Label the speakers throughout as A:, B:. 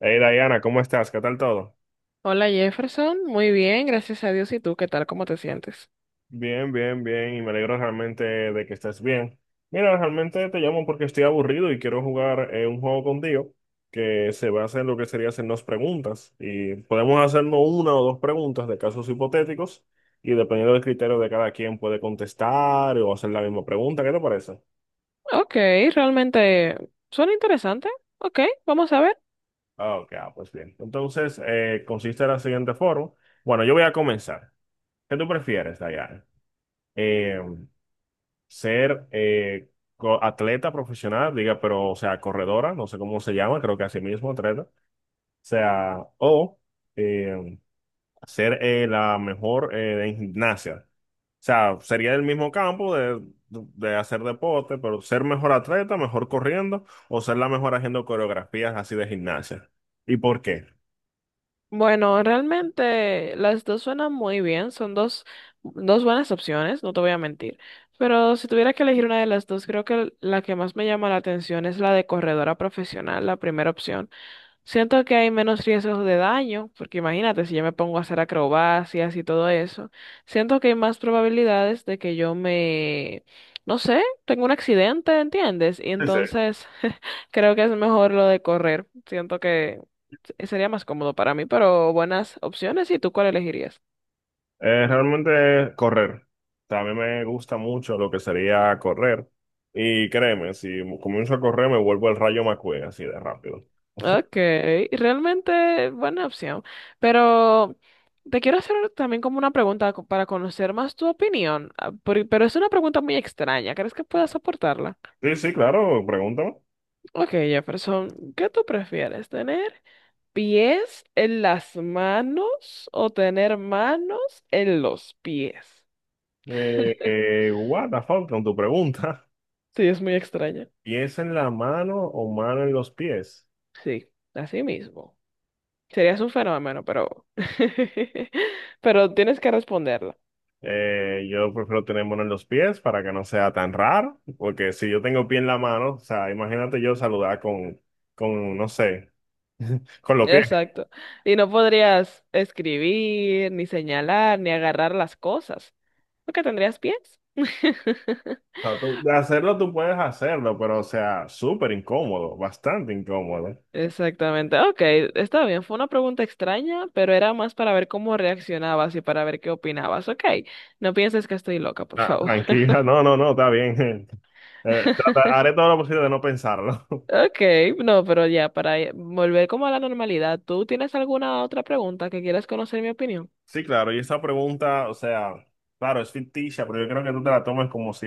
A: Hey Diana, ¿cómo estás? ¿Qué tal todo?
B: Hola Jefferson, muy bien, gracias a Dios. ¿Y tú qué tal? ¿Cómo te sientes?
A: Bien, bien, bien, y me alegro realmente de que estés bien. Mira, realmente te llamo porque estoy aburrido y quiero jugar un juego contigo que se basa en lo que sería hacernos preguntas. Y podemos hacernos una o dos preguntas de casos hipotéticos y dependiendo del criterio de cada quien puede contestar o hacer la misma pregunta. ¿Qué te parece?
B: Ok, realmente suena interesante. Ok, vamos a ver.
A: Ah, ok, ah, pues bien. Entonces, consiste de la siguiente forma. Bueno, yo voy a comenzar. ¿Qué tú prefieres, Diana? Eh, Ser atleta profesional, diga, pero, o sea, corredora, no sé cómo se llama, creo que así mismo, atleta, o sea, o eh, ser la mejor en gimnasia. O sea, sería el mismo campo de, hacer deporte, pero ser mejor atleta, mejor corriendo, o ser la mejor haciendo coreografías así de gimnasia. ¿Y por qué?
B: Bueno, realmente las dos suenan muy bien, son dos buenas opciones, no te voy a mentir. Pero si tuviera que elegir una de las dos, creo que la que más me llama la atención es la de corredora profesional, la primera opción. Siento que hay menos riesgos de daño, porque imagínate, si yo me pongo a hacer acrobacias y todo eso, siento que hay más probabilidades de que yo me, no sé, tenga un accidente, ¿entiendes? Y
A: Sí, sí.
B: entonces creo que es mejor lo de correr. Siento que sería más cómodo para mí, pero buenas opciones. ¿Y tú cuál elegirías?
A: Realmente correr. También me gusta mucho lo que sería correr. Y créeme, si comienzo a correr me vuelvo el Rayo McQueen así de rápido.
B: Okay, realmente buena opción. Pero te quiero hacer también como una pregunta para conocer más tu opinión, pero es una pregunta muy extraña. ¿Crees que puedas soportarla?
A: Sí, sí, claro, pregúntame.
B: Ok, Jefferson, ¿qué tú prefieres? ¿Tener pies en las manos o tener manos en los pies?
A: Eh, What the fuck con tu pregunta.
B: Sí, es muy extraña.
A: ¿Pies en la mano o mano en los pies?
B: Sí, así mismo. Serías un fenómeno, pero pero tienes que responderla.
A: Yo prefiero tener mano en los pies para que no sea tan raro, porque si yo tengo pie en la mano, o sea, imagínate yo saludar con, no sé, con los pies.
B: Exacto. Y no podrías escribir, ni señalar, ni agarrar las cosas, porque tendrías pies.
A: Sea, de hacerlo tú puedes hacerlo, pero o sea, súper incómodo, bastante incómodo.
B: Exactamente. Ok, está bien. Fue una pregunta extraña, pero era más para ver cómo reaccionabas y para ver qué opinabas. Ok, no pienses que estoy loca, por
A: Ah,
B: favor.
A: tranquila, no, no, no, está bien. Haré todo lo posible de no pensarlo.
B: Ok, no, pero ya, para volver como a la normalidad, ¿tú tienes alguna otra pregunta que quieras conocer mi opinión?
A: Sí, claro, y esa pregunta, o sea, claro, es ficticia, pero yo creo que tú te la tomas como si,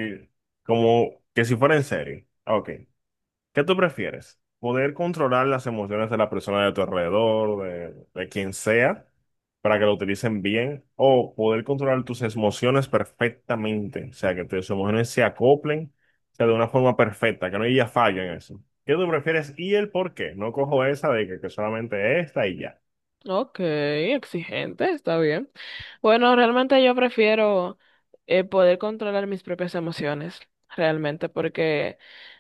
A: como que si fuera en serio. Ok. ¿Qué tú prefieres? ¿Poder controlar las emociones de la persona de tu alrededor, de, quien sea, para que lo utilicen bien? ¿O poder controlar tus emociones perfectamente? O sea, que tus emociones se acoplen, o sea, de una forma perfecta, que no haya fallo en eso. ¿Qué tú prefieres y el por qué? No cojo esa de que, solamente esta y ya.
B: Ok, exigente, está bien. Bueno, realmente yo prefiero poder controlar mis propias emociones, realmente, porque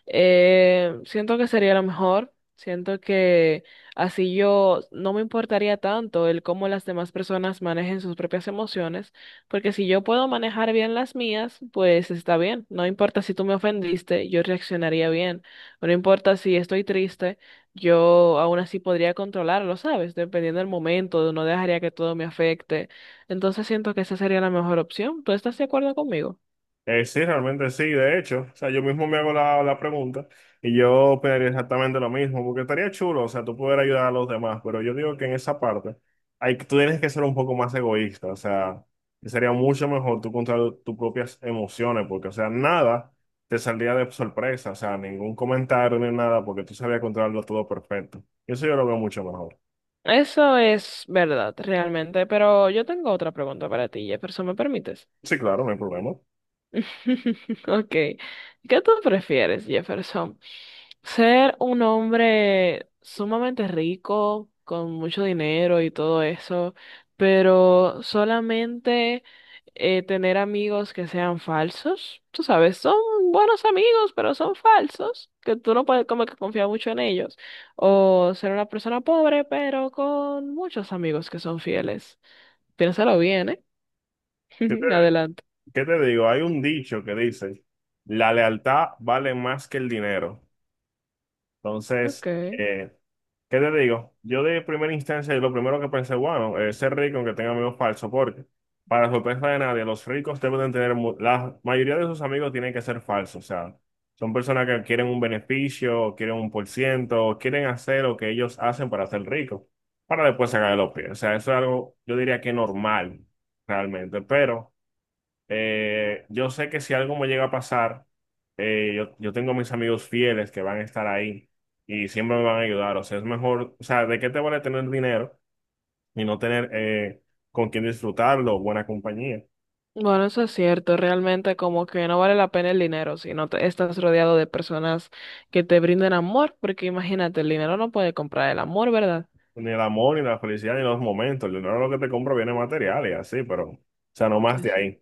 B: siento que sería lo mejor. Siento que así yo no me importaría tanto el cómo las demás personas manejen sus propias emociones, porque si yo puedo manejar bien las mías, pues está bien. No importa si tú me ofendiste, yo reaccionaría bien. No importa si estoy triste, yo aún así podría controlarlo, ¿sabes? Dependiendo del momento, no dejaría que todo me afecte. Entonces siento que esa sería la mejor opción. ¿Tú estás de acuerdo conmigo?
A: Sí, realmente sí, de hecho, o sea, yo mismo me hago la pregunta y yo opinaría exactamente lo mismo, porque estaría chulo, o sea, tú poder ayudar a los demás, pero yo digo que en esa parte hay, tú tienes que ser un poco más egoísta, o sea, sería mucho mejor tú controlar tus propias emociones, porque, o sea, nada te saldría de sorpresa, o sea, ningún comentario ni nada, porque tú sabías controlarlo todo perfecto. Y eso yo lo veo mucho mejor.
B: Eso es verdad, realmente, pero yo tengo otra pregunta para ti, Jefferson, ¿me permites?
A: Sí, claro, no hay problema.
B: Ok. ¿Qué tú prefieres, Jefferson? Ser un hombre sumamente rico, con mucho dinero y todo eso, pero solamente tener amigos que sean falsos. Tú sabes, son buenos amigos, pero son falsos, que tú no puedes como que confiar mucho en ellos. O ser una persona pobre, pero con muchos amigos que son fieles. Piénsalo bien, ¿eh?
A: ¿Qué te,
B: Adelante.
A: qué te digo? Hay un dicho que dice, la lealtad vale más que el dinero.
B: Ok.
A: Entonces, ¿qué te digo? Yo de primera instancia, lo primero que pensé, bueno, ser rico aunque tenga amigos falsos, porque para sorpresa de nadie, los ricos deben de tener, la mayoría de sus amigos tienen que ser falsos, o sea, son personas que quieren un beneficio, o quieren un por ciento, o quieren hacer lo que ellos hacen para ser ricos, para después sacar de los pies. O sea, eso es algo, yo diría que normal, realmente, pero... Yo sé que si algo me llega a pasar, yo tengo mis amigos fieles que van a estar ahí y siempre me van a ayudar. O sea, es mejor, o sea, ¿de qué te vale tener dinero y no tener con quién disfrutarlo, buena compañía?
B: Bueno, eso es cierto, realmente como que no vale la pena el dinero si no te- estás rodeado de personas que te brinden amor, porque imagínate, el dinero no puede comprar el amor, ¿verdad?
A: Ni el amor, ni la felicidad, ni los momentos. El dinero lo que te compro viene material y así, pero, o sea, no más de ahí.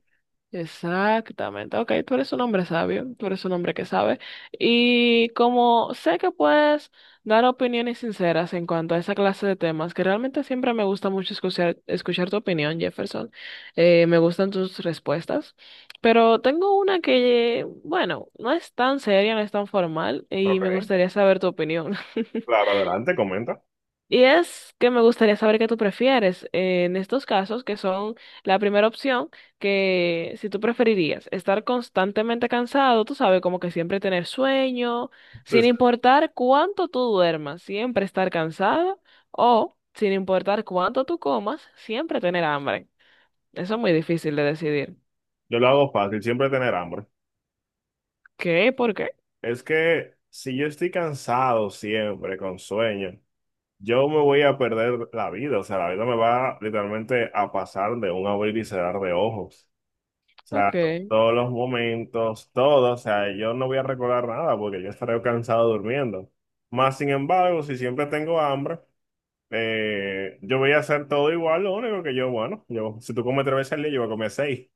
B: Exactamente. Ok, tú eres un hombre sabio, tú eres un hombre que sabe. Y como sé que puedes dar opiniones sinceras en cuanto a esa clase de temas, que realmente siempre me gusta mucho escuchar tu opinión, Jefferson, me gustan tus respuestas, pero tengo una que, bueno, no es tan seria, no es tan formal y me
A: Ok,
B: gustaría saber tu opinión.
A: claro, adelante, comenta.
B: Y es que me gustaría saber qué tú prefieres en estos casos, que son la primera opción, que si tú preferirías estar constantemente cansado, tú sabes, como que siempre tener sueño, sin
A: Entonces,
B: importar cuánto tú duermas, siempre estar cansado, o sin importar cuánto tú comas, siempre tener hambre. Eso es muy difícil de decidir.
A: yo lo hago fácil, siempre tener hambre.
B: ¿Qué? ¿Por qué?
A: Es que si yo estoy cansado siempre, con sueño. Yo me voy a perder la vida, o sea, la vida me va literalmente a pasar de un abrir y cerrar de ojos. O
B: Ok.
A: sea, todos los momentos, todo, o sea, yo no voy a recordar nada porque yo estaré cansado durmiendo. Más sin embargo, si siempre tengo hambre, yo voy a hacer todo igual, lo único que bueno, yo, si tú comes 3 veces al día, yo voy a comer 6.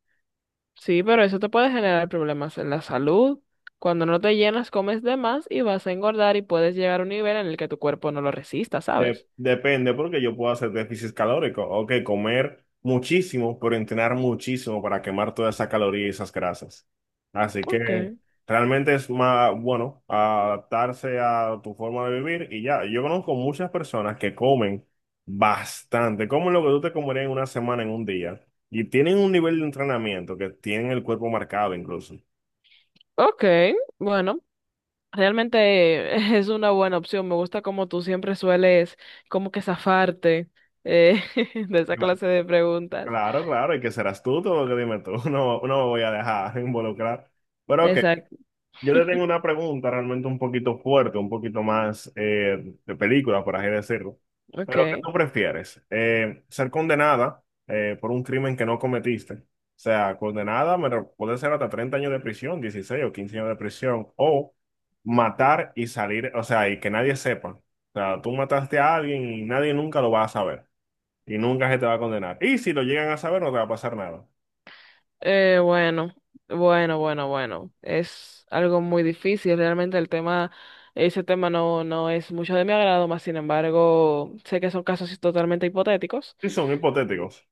B: Sí, pero eso te puede generar problemas en la salud. Cuando no te llenas, comes de más y vas a engordar y puedes llegar a un nivel en el que tu cuerpo no lo resista, ¿sabes?
A: Depende, porque yo puedo hacer déficit calórico. O que comer muchísimo, pero entrenar muchísimo para quemar toda esa caloría y esas grasas. Así
B: Ok,
A: que realmente es más bueno adaptarse a tu forma de vivir y ya. Yo conozco muchas personas que comen bastante, comen lo que tú te comerías en una semana, en un día, y tienen un nivel de entrenamiento que tienen el cuerpo marcado incluso.
B: ok, bueno, realmente es una buena opción. Me gusta como tú siempre sueles como que zafarte eh, de esa
A: Cla-
B: clase de preguntas.
A: Claro, claro, y que serás tú, todo lo que dime tú. No, no me voy a dejar involucrar. Pero ok.
B: Exacto,
A: Yo le tengo una pregunta realmente un poquito fuerte, un poquito más de película, por así decirlo. Pero ¿qué
B: ok.
A: tú prefieres? ¿Ser condenada por un crimen que no cometiste? O sea, condenada puede ser hasta 30 años de prisión, 16 o 15 años de prisión, o matar y salir, o sea, y que nadie sepa. O sea, tú mataste a alguien y nadie nunca lo va a saber y nunca se te va a condenar. Y si lo llegan a saber, no te va a pasar nada.
B: Eh, bueno, bueno. Es algo muy difícil. Realmente el tema, ese tema no es mucho de mi agrado, más sin embargo, sé que son casos totalmente hipotéticos.
A: Y son hipotéticos.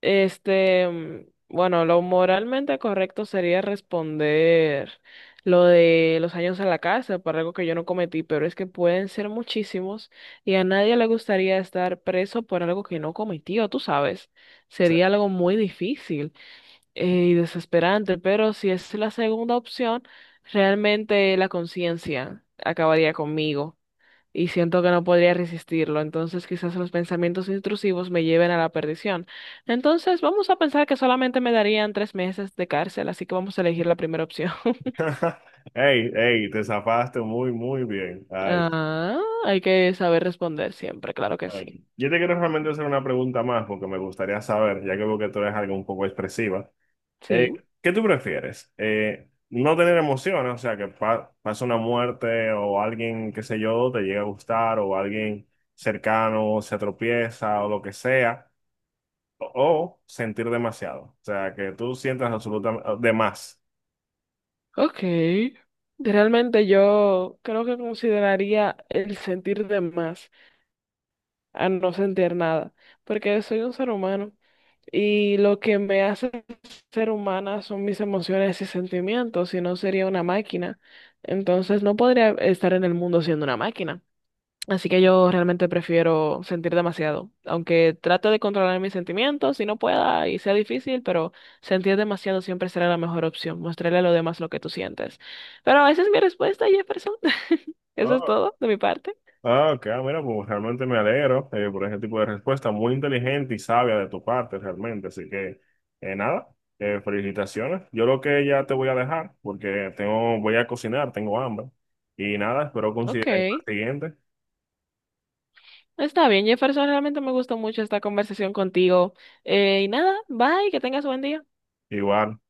B: Este, mm, bueno, lo moralmente correcto sería responder lo de los años en la cárcel por algo que yo no cometí, pero es que pueden ser muchísimos y a nadie le gustaría estar preso por algo que no cometió, tú sabes. Sería algo muy difícil y desesperante, pero si es la segunda opción, realmente la conciencia acabaría conmigo y siento que no podría resistirlo, entonces quizás los pensamientos intrusivos me lleven a la perdición. Entonces vamos a pensar que solamente me darían 3 meses de cárcel, así que vamos a elegir la primera opción.
A: Hey, hey, te zafaste muy, muy bien. Ay,
B: Ah, hay que saber responder siempre, claro que sí.
A: ay. Yo te quiero realmente hacer una pregunta más porque me gustaría saber, ya que veo que tú eres algo un poco expresiva. Eh,
B: Sí,
A: ¿Qué tú prefieres? No tener emociones, o sea, que pase una muerte o alguien, qué sé yo, te llega a gustar o alguien cercano se tropieza o lo que sea, o sentir demasiado, o sea, que tú sientas absolutamente de más.
B: ok. Realmente yo creo que consideraría el sentir de más a no sentir nada, porque soy un ser humano y lo que me hace ser humana son mis emociones y sentimientos, si no sería una máquina. Entonces no podría estar en el mundo siendo una máquina. Así que yo realmente prefiero sentir demasiado, aunque trato de controlar mis sentimientos si no pueda y sea difícil, pero sentir demasiado siempre será la mejor opción, mostrarle a los demás lo que tú sientes. Pero esa es mi respuesta, Jefferson. Eso es todo de mi parte.
A: Ah, ok, ah, mira, pues realmente me alegro por ese tipo de respuesta, muy inteligente y sabia de tu parte, realmente. Así que, nada, felicitaciones. Yo creo que ya te voy a dejar porque tengo, voy a cocinar, tengo hambre. Y nada, espero
B: Ok.
A: coincidir en la siguiente.
B: Está bien, Jefferson, realmente me gustó mucho esta conversación contigo. Y nada, bye, que tengas buen día.
A: Igual.